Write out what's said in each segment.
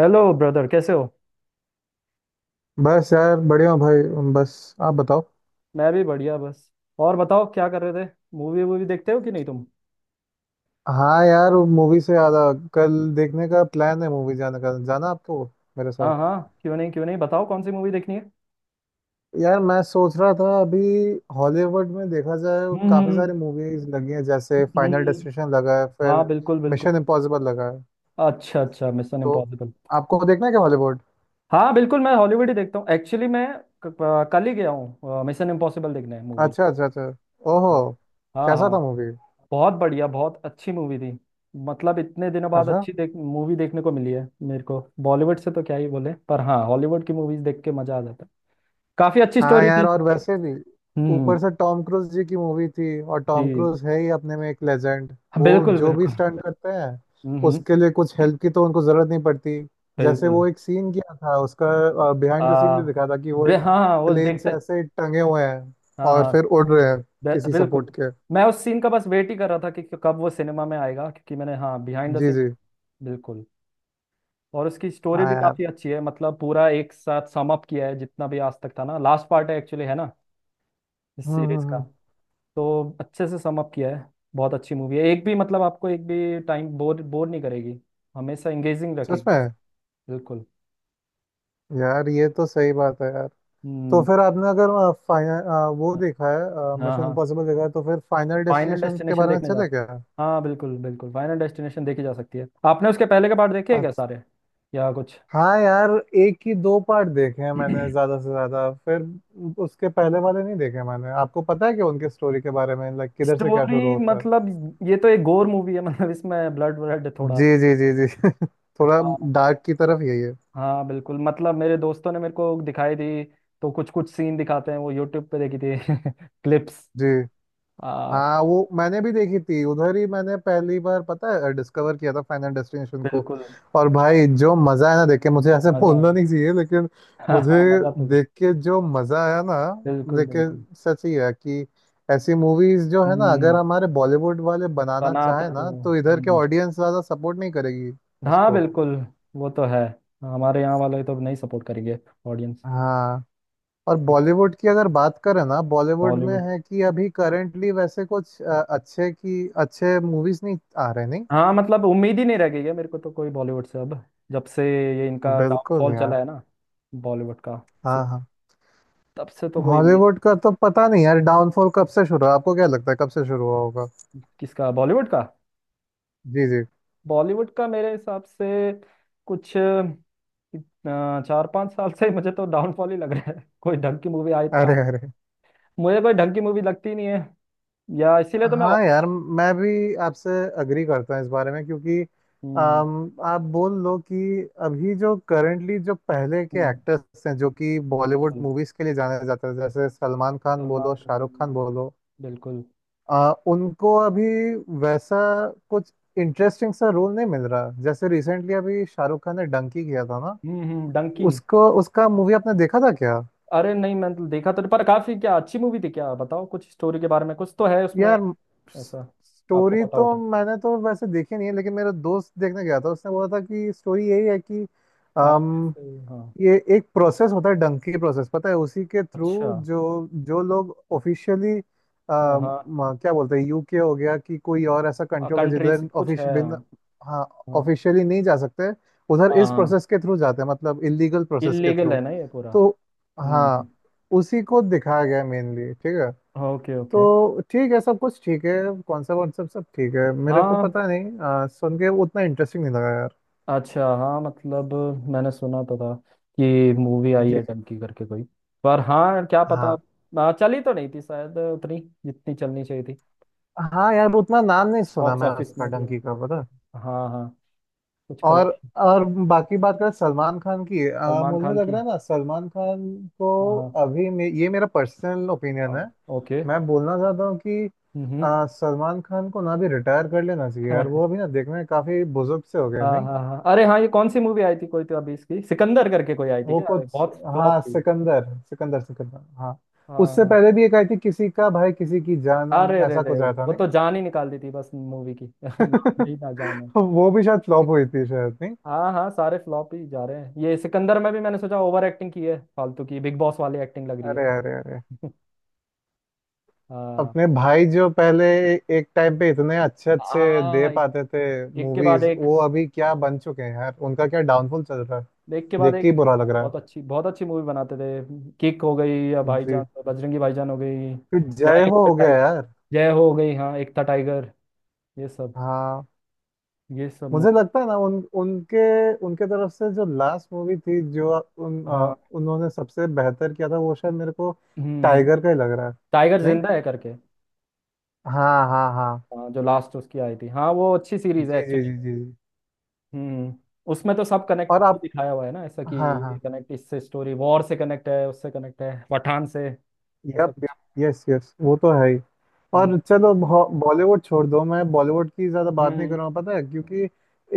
Hello brother, कैसे हो। बस यार बढ़िया हूँ भाई। बस आप बताओ। मैं भी बढ़िया, बस। और बताओ, क्या कर रहे थे। मूवी वूवी देखते हो कि नहीं तुम। हाँ यार वो मूवी से याद आ कल देखने का प्लान है मूवी जाने का जाना आपको मेरे साथ। हाँ हाँ, क्यों नहीं क्यों नहीं, बताओ कौन सी मूवी देखनी है। यार मैं सोच रहा था अभी हॉलीवुड में देखा जाए काफ़ी हम्म। सारी मूवीज लगी हैं जैसे हम्म, फाइनल हम्म, डेस्टिनेशन लगा है हाँ फिर बिल्कुल मिशन बिल्कुल। इम्पॉसिबल लगा है। अच्छा अच्छा, मिशन तो इम्पॉसिबल। आपको देखना है क्या हॉलीवुड? हाँ बिल्कुल, मैं हॉलीवुड ही देखता हूँ। एक्चुअली मैं कल ही गया हूँ मिशन इम्पॉसिबल देखने मूवी। अच्छा अच्छा अच्छा। ओहो। हाँ कैसा था हाँ। मूवी? बहुत बढ़िया, बहुत अच्छी मूवी थी। मतलब इतने दिनों बाद अच्छा। अच्छी देख मूवी देखने को मिली है। मेरे को बॉलीवुड से तो क्या ही बोले, पर हाँ, हॉलीवुड की मूवीज देख के मजा आ जाता है। काफी अच्छी हाँ स्टोरी यार थी। और वैसे भी हम्म। ऊपर से टॉम क्रूज जी की मूवी थी और जी टॉम हाँ, क्रूज है ही अपने में एक लेजेंड। वो बिल्कुल जो भी बिल्कुल। स्टंट करते हैं हम्म हम्म, उसके लिए कुछ हेल्प की तो उनको जरूरत नहीं पड़ती। जैसे बिल्कुल। वो एक सीन किया था उसका बिहाइंड द सीन आ, भी दिखा था कि वो एक हाँ हाँ, वो प्लेन से देखता। ऐसे टंगे हुए हैं हाँ और हाँ। फिर उड़ रहे हैं किसी बिल्कुल। सपोर्ट के। मैं उस सीन का बस वेट ही कर रहा था कि कब वो सिनेमा में आएगा, क्योंकि मैंने, हाँ, बिहाइंड द जी सीन। जी। बिल्कुल। और उसकी स्टोरी हाँ भी यार। काफी अच्छी है, मतलब पूरा एक साथ सम अप किया है जितना भी आज तक था ना। लास्ट पार्ट है एक्चुअली, है ना, इस सीरीज का। हम्म। तो अच्छे से सम अप किया है। बहुत अच्छी मूवी है, एक भी, मतलब आपको एक भी टाइम बोर बोर नहीं करेगी, हमेशा एंगेजिंग सच रखेगी। में। बिल्कुल। यार ये तो सही बात है यार। तो हम्म। फिर आपने अगर फाइनल वो देखा है हाँ मिशन हाँ, इम्पॉसिबल देखा है तो फिर फाइनल फाइनल डेस्टिनेशन के डेस्टिनेशन बारे में देखने जा चले सकते। क्या? हाँ बिल्कुल बिल्कुल, फाइनल डेस्टिनेशन देखी जा सकती है। आपने उसके पहले के पार्ट देखे हैं क्या, अच्छा। सारे या कुछ? हाँ यार एक ही दो पार्ट देखे हैं मैंने ज्यादा से ज्यादा। फिर उसके पहले वाले नहीं देखे मैंने। आपको पता है कि उनके स्टोरी के बारे में लाइक किधर से क्या शुरू स्टोरी होता है? मतलब, ये तो एक गोर मूवी है, मतलब इसमें ब्लड ब्लड थोड़ा। जी जी जी जी। थोड़ा हाँ। डार्क की तरफ यही है। हाँ बिल्कुल, मतलब मेरे दोस्तों ने मेरे को दिखाई थी। तो कुछ कुछ सीन दिखाते हैं वो, यूट्यूब पे देखी थी। क्लिप्स। जी। आ, हाँ वो मैंने भी देखी थी उधर ही मैंने पहली बार पता है डिस्कवर किया था फाइनल डेस्टिनेशन को। बिल्कुल। और भाई जो मजा है ना देख के मुझे ऐसे मजा बोलना नहीं चाहिए लेकिन हाँ मुझे हाँ, मजा तो। देख के जो मजा आया ना बिल्कुल बिल्कुल। लेकिन सच ही है कि ऐसी मूवीज जो है ना अगर हम्म। हमारे बॉलीवुड वाले बनाना बनाते चाहे थे। ना तो इधर के हम्म। ऑडियंस ज्यादा सपोर्ट नहीं करेगी हाँ इसको। बिल्कुल। वो तो है। हमारे यहाँ वाले तो नहीं सपोर्ट करेंगे, ऑडियंस। हाँ। और बॉलीवुड की अगर बात करें ना बॉलीवुड में बॉलीवुड। है कि अभी करेंटली वैसे कुछ अच्छे की अच्छे मूवीज नहीं आ रहे नहीं। हाँ मतलब उम्मीद ही नहीं रह गई है मेरे को तो कोई, बॉलीवुड से अब। जब से ये इनका बिल्कुल डाउनफॉल यार। चला है ना बॉलीवुड का। सो हाँ हाँ। तब से तो कोई उम्मीद। हॉलीवुड का तो पता नहीं यार डाउनफॉल कब से शुरू हुआ? आपको क्या लगता है कब से शुरू हुआ होगा? किसका, बॉलीवुड का? जी जी। बॉलीवुड का मेरे हिसाब से कुछ 4-5 साल से मुझे तो डाउनफॉल ही लग रहा है, कोई ढंग की मूवी आई अरे अरे। मुझे कोई ढंग की मूवी लगती ही नहीं है, या इसीलिए तो मैं। हाँ यार मैं भी आपसे अग्री करता हूँ इस बारे में क्योंकि हम्म, आप बोल लो कि अभी जो करंटली जो पहले के हम्म, एक्टर्स हैं जो कि बॉलीवुड बिल्कुल। मूवीज के लिए जाने जाते हैं जैसे सलमान खान बोलो सलमान खान, शाहरुख खान बोलो बिल्कुल। उनको अभी वैसा कुछ इंटरेस्टिंग सा रोल नहीं मिल रहा जैसे रिसेंटली अभी शाहरुख खान ने डंकी किया था ना। हम्म, डंकी। उसको उसका मूवी आपने देखा था क्या? अरे नहीं, मैंने तो देखा तो, पर काफी क्या अच्छी मूवी थी क्या? बताओ कुछ स्टोरी के बारे में, कुछ तो है उसमें यार ऐसा, आपको स्टोरी पता तो हो तो। मैंने तो वैसे देखी नहीं है लेकिन मेरा दोस्त देखने गया था उसने बोला था कि स्टोरी यही है कि हाँ, हाँ। ये एक प्रोसेस होता है डंकी प्रोसेस पता है उसी के थ्रू अच्छा। जो जो लोग ऑफिशियली हाँ हाँ, क्या बोलते हैं यूके हो गया कि कोई और ऐसा कंट्री होगा कंट्री से जिधर कुछ है। ऑफिश बिन। हाँ। हाँ। हाँ ऑफिशियली नहीं जा सकते उधर हाँ, इस हाँ, प्रोसेस के थ्रू जाते हैं मतलब इलीगल प्रोसेस के इलीगल है थ्रू। ना ये पूरा। तो हम्म हम्म, हाँ उसी को दिखाया गया मेनली ठीक है ओके ओके। तो ठीक है सब कुछ ठीक है कॉन्सेप्ट वॉन्सेप्ट सब ठीक है मेरे को हाँ पता नहीं सुन के उतना इंटरेस्टिंग नहीं लगा यार। अच्छा, हाँ मतलब मैंने सुना तो था कि मूवी जी आई जी। है डंकी करके कोई। पर हाँ क्या पता, हाँ। चली तो नहीं थी शायद उतनी जितनी चलनी चाहिए थी। हाँ यार वो उतना नाम नहीं सुना बॉक्स मैं ऑफिस उसका में भी, डंकी का पता है। हाँ हाँ, कुछ और कलेक्शन। और बाकी बात करें सलमान खान की सलमान मुझे खान लग की। रहा है ना सलमान खान को हाँ अभी ये मेरा पर्सनल ओपिनियन हाँ है। ओके। मैं बोलना चाहता हूँ कि हम्म। सलमान खान को ना भी रिटायर कर लेना चाहिए यार वो अभी ना देखने में काफी बुजुर्ग से हो गए हाँ नहीं। हाँ हाँ, अरे हाँ, ये कौन सी मूवी आई थी कोई, तो अभी इसकी सिकंदर करके कोई आई थी वो क्या? अरे, कुछ बहुत फ्लॉप हाँ थी। सिकंदर सिकंदर सिकंदर हाँ। हाँ उससे हाँ। पहले भी एक आई थी किसी का भाई किसी की जान हो, अरे रे ऐसा रे, कुछ आया था वो नहीं। तो जान ही निकाल दी थी बस मूवी की, नाम ही ना जाने। वो भी शायद फ्लॉप हुई थी शायद नहीं। हाँ हाँ, सारे फ्लॉप ही जा रहे हैं। ये सिकंदर में भी मैंने सोचा ओवर एक्टिंग की है, फालतू की बिग बॉस वाली एक्टिंग लग रही है। अरे अरे अरे। हाँ अपने भाई जो पहले एक टाइम पे इतने अच्छे अच्छे दे हाँ। पाते थे एक के बाद मूवीज एक, वो अभी क्या बन चुके हैं यार उनका क्या डाउनफॉल चल रहा है देख के बाद देख के ही एक, बुरा लग हाँ, रहा है। बहुत अच्छी मूवी बनाते थे। किक हो गई, या जी। भाईजान बजरंगी भाईजान हो गई, फिर या जय एक था हो गया टाइगर। यार। जय हो गई, हाँ, एक था टाइगर, ये सब, हाँ। ये सब मुझे मूवी। लगता है ना उन उनके उनके तरफ से जो लास्ट मूवी थी जो हाँ। उन्होंने सबसे बेहतर किया था वो शायद मेरे को हम्म हम्म, टाइगर का ही लग रहा है। टाइगर नहीं जिंदा है करके। हाँ हाँ हाँ। हाँ, जो लास्ट उसकी आई थी, हाँ वो अच्छी सीरीज जी है जी जी एक्चुअली। जी जी। हम्म। उसमें तो सब कनेक्ट और भी आप दिखाया हुआ है ना, ऐसा कि हाँ ये हाँ कनेक्ट इससे, स्टोरी वॉर से कनेक्ट है, उससे कनेक्ट है पठान से, ऐसा यप कुछ। यप यस यस वो तो है ही। हम्म और चलो बॉलीवुड छोड़ दो मैं बॉलीवुड की ज़्यादा बात नहीं हम्म, करूँगा पता है क्योंकि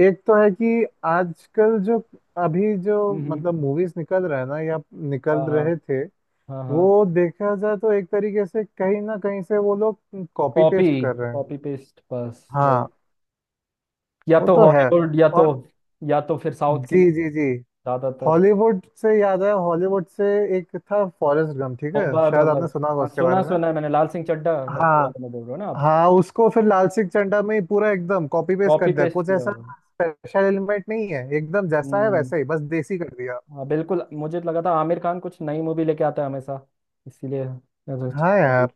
एक तो है कि आजकल जो अभी जो हम्म, हम्म, मतलब मूवीज निकल रहा है ना या निकल हाँ हाँ रहे थे हाँ हाँ। वो देखा जाए तो एक तरीके से कहीं ना कहीं से वो लोग कॉपी कॉपी, पेस्ट कर रहे हैं। कॉपी पेस्ट, बस वो। हाँ या वो तो तो है। हॉलीवुड, या तो, और या तो फिर साउथ की जी मूवी, जी जी ज्यादातर। हॉलीवुड से याद है हॉलीवुड से एक था फॉरेस्ट गम ठीक ओ है बस शायद बस आपने बस, सुना होगा हाँ उसके बारे सुना में। सुना है मैंने, लाल सिंह चड्ढा है के हाँ बारे में बोल रहे हो ना आप। हाँ। उसको फिर लाल सिंह चड्ढा में ही पूरा एकदम कॉपी पेस्ट कर कॉपी दिया पेस्ट कुछ किया ऐसा हुआ है। स्पेशल एलिमेंट नहीं है एकदम जैसा है हम्म। वैसा ही बस देसी कर दिया। हाँ बिल्कुल, मुझे लगा था आमिर खान कुछ नई मूवी लेके आता है हमेशा, इसीलिए मैं हाँ यार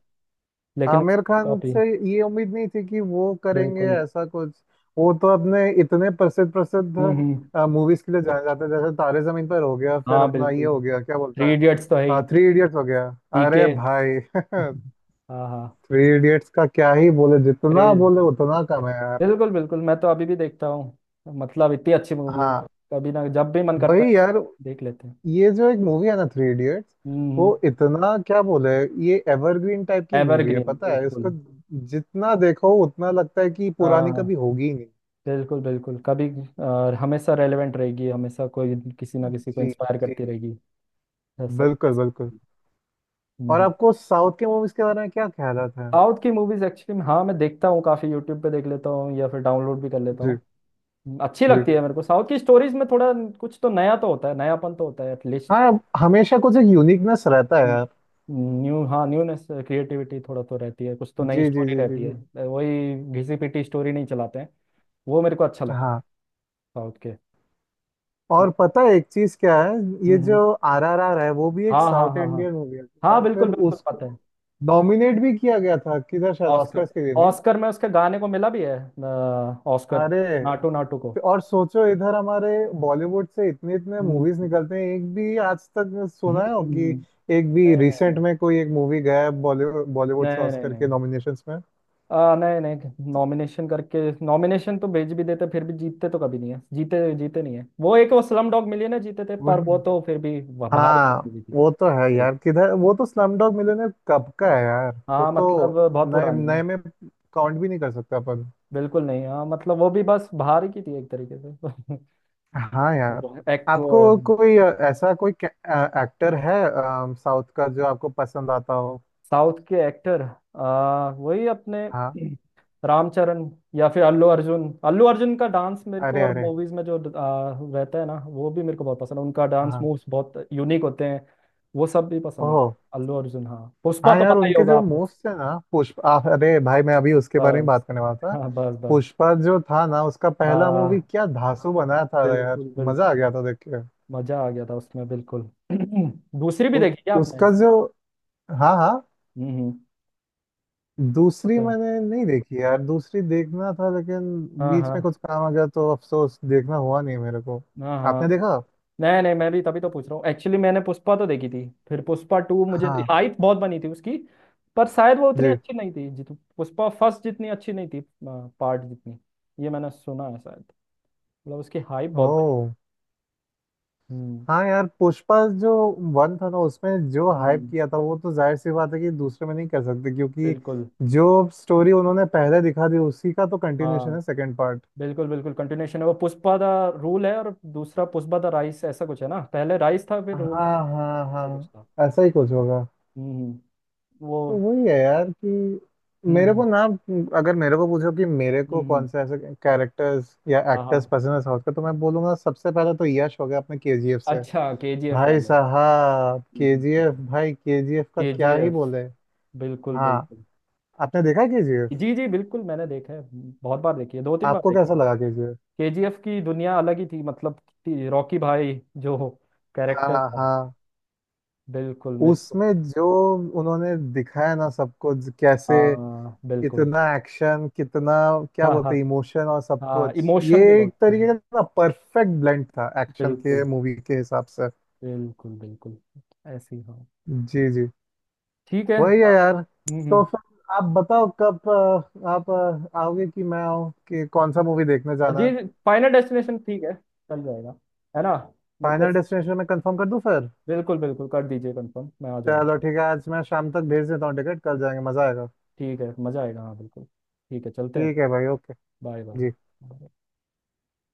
लेकिन, आमिर खान कॉपी। से ये उम्मीद नहीं थी कि वो करेंगे बिल्कुल। ऐसा कुछ। वो तो अपने इतने प्रसिद्ध प्रसिद्ध हम्म। मूवीज के लिए जाने जाते हैं जैसे तारे जमीन पर हो गया फिर हाँ अपना ये बिल्कुल, हो गया क्या बोलता थ्री इडियट्स तो है ही, है थ्री इडियट्स हो गया। अरे पीके। भाई हाँ हाँ। थ्री इडियट्स का क्या ही बोले जितना क्रेज। बोले उतना कम है यार। बिल्कुल बिल्कुल, मैं तो अभी भी देखता हूँ, मतलब इतनी अच्छी मूवी है। हाँ। कभी ना, जब भी मन करता है वही यार। देख लेते हैं। ये जो एक मूवी है ना थ्री इडियट्स वो हम्म। इतना क्या बोले ये एवरग्रीन टाइप की मूवी है एवरग्रीन पता है इसको बिल्कुल। जितना देखो उतना लगता है कि पुरानी हाँ कभी होगी ही नहीं। बिल्कुल बिल्कुल, कभी हमेशा रेलेवेंट रहेगी, हमेशा कोई, किसी ना किसी को जी इंस्पायर जी। करती रहेगी, ऐसा। बिल्कुल बिल्कुल। और हम्म। आपको साउथ के मूवीज के बारे में क्या ख्याल आता है? साउथ की मूवीज एक्चुअली हाँ मैं देखता हूँ, काफी यूट्यूब पे देख लेता हूँ या फिर डाउनलोड भी कर लेता जी हूँ। अच्छी जी। लगती है मेरे को, साउथ की स्टोरीज में थोड़ा कुछ तो नया तो होता है, नयापन तो होता है एटलीस्ट। हाँ हमेशा कुछ एक यूनिकनेस रहता है यार। न्यू, हाँ, न्यूनेस, क्रिएटिविटी थोड़ा तो रहती है, कुछ तो नई जी जी स्टोरी जी जी रहती जी। है, वही घिसी पिटी स्टोरी नहीं चलाते हैं। वो मेरे को अच्छा लगता है, हाँ। साउथ के। हम्म और पता है एक चीज क्या है ये हम्म, जो हम्म। RRR है वो भी हाँ एक हाँ साउथ हाँ हाँ, इंडियन मूवी है। हाँ और फिर बिल्कुल बिल्कुल, उसको पता है। नॉमिनेट भी किया गया था किधर शायद ऑस्कर। ऑस्कर्स के लिए नहीं? ऑस्कर में उसके गाने को मिला भी है ऑस्कर, अरे। नाटू नाटू को। और सोचो इधर हमारे बॉलीवुड से इतने इतने हम्म मूवीज निकलते हैं एक भी आज तक हम्म, सुना है हो कि हम्म, एक भी रिसेंट में कोई एक मूवी गया है बॉलीवुड बॉलीवुड से नहीं नहीं नहीं ऑस्कर के नहीं। नॉमिनेशंस में? नहीं नहीं, नॉमिनेशन करके नॉमिनेशन तो भेज भी देते, फिर भी जीतते तो कभी नहीं है, जीते जीते नहीं है। वो एक वो स्लम डॉग मिली ना, जीते थे, पर वही। वो तो फिर भी बाहर की हाँ। मूवी थी। वो तो है अरे, यार किधर वो तो स्लमडॉग मिलियनेयर कब का है यार वो हाँ तो मतलब बहुत नए पुरानी नए है। में काउंट भी नहीं कर सकता अपन। बिल्कुल नहीं, हाँ मतलब वो भी बस बाहर की थी एक तरीके से। हाँ यार। एक्ट वो। आपको कोई ऐसा कोई एक्टर है साउथ का जो आपको पसंद आता हो? साउथ के एक्टर, वही अपने हाँ। रामचरण, या फिर अल्लू अर्जुन। अल्लू अर्जुन का डांस मेरे को, अरे और अरे। मूवीज में जो रहता है ना वो भी मेरे को बहुत पसंद है, उनका डांस हाँ। मूव्स बहुत यूनिक होते हैं। वो सब भी पसंद है। ओह। अल्लू अर्जुन, हाँ, पुष्पा हाँ तो यार पता ही उनके होगा जो आपको। मोस्ट है ना पुष्पा अरे भाई मैं अभी उसके बारे में बस बात करने वाला था। हाँ बस बस। पुष्पा जो था ना उसका पहला मूवी हाँ क्या धांसू बनाया था यार। बिल्कुल मजा आ बिल्कुल। गया था देख के। मजा आ गया था उसमें, बिल्कुल। दूसरी भी उ, देखी क्या आपने? उसका जो हाँ हाँ। वो दूसरी तो है। मैंने नहीं देखी यार दूसरी देखना था लेकिन हाँ बीच हाँ। में कुछ काम आ गया तो अफसोस देखना हुआ नहीं मेरे को। हाँ आपने हाँ। देखा? नहीं नहीं, मैं भी तभी तो पूछ रहा हूँ, एक्चुअली मैंने पुष्पा तो देखी थी, फिर पुष्पा 2 मुझे हाँ। हाइप बहुत बनी थी उसकी। पर शायद वो उतनी जी। अच्छी नहीं थी जित पुष्पा फर्स्ट जितनी अच्छी नहीं थी, पार्ट जितनी। ये मैंने सुना है शायद, मतलब उसकी हाइप बहुत बनी। ओ। हम्म हाँ यार पुष्पा जो वन था ना उसमें जो हाइप हम्म, किया था वो तो जाहिर सी बात है कि दूसरे में नहीं कर सकते क्योंकि बिल्कुल। जो स्टोरी उन्होंने पहले दिखा दी उसी का तो कंटिन्यूशन हाँ है सेकंड पार्ट। बिल्कुल बिल्कुल कंटिन्यूशन है। वो पुष्पा द रूल है, और दूसरा पुष्पा द राइस, ऐसा कुछ है ना, पहले राइस था फिर रूल था, हाँ हाँ ऐसा कुछ था। हाँ ऐसा ही कुछ होगा। हम्म। वो। तो वही है यार कि हम्म मेरे को हम्म ना अगर मेरे को पूछो कि मेरे को हम्म, कौन से ऐसे कैरेक्टर्स या हाँ हाँ। एक्टर्स पसंद है साउथ का तो मैं बोलूंगा सबसे पहले तो यश हो गया अपने KGF से। अच्छा, के जी एफ भाई वाले, साहब KGF भाई KGF का के जी क्या ही एफ बोले। बिल्कुल हाँ। बिल्कुल। आपने देखा KGF? जी जी बिल्कुल, मैंने देखा है, बहुत बार देखी है, 2-3 बार आपको देखी। कैसा लगा KGF? केजीएफ की दुनिया अलग ही थी, मतलब कि रॉकी भाई, जो कैरेक्टर हाँ था, हाँ। बिल्कुल मेरे को। उसमें जो उन्होंने दिखाया ना सबको कैसे हाँ बिल्कुल। कितना एक्शन कितना क्या हाँ हाँ, बोलते हैं इमोशन और सब हाँ कुछ। ये इमोशन भी एक बहुत है। तरीके का ना परफेक्ट ब्लेंड था एक्शन के बिल्कुल मूवी के हिसाब से। बिल्कुल बिल्कुल, ऐसी हाँ। जी जी। ठीक है वही है हाँ, यार। हम्म तो हम्म। फिर आप बताओ कब आप आओगे कि मैं आऊँ कि कौन सा मूवी देखने जाना जी है? जी, फाइनल डेस्टिनेशन ठीक है, चल जाएगा, है ना, मेरे को। फाइनल डेस्टिनेशन में कंफर्म कर दूँ फिर? बिल्कुल बिल्कुल, कर दीजिए कंफर्म, मैं आ जाऊँगा। चलो ठीक है आज मैं शाम तक भेज देता हूँ टिकट कल जाएंगे मज़ा आएगा। ठीक है, मज़ा आएगा, हाँ बिल्कुल। ठीक है, चलते हैं। ठीक है भाई ओके। बाय जी। बाय।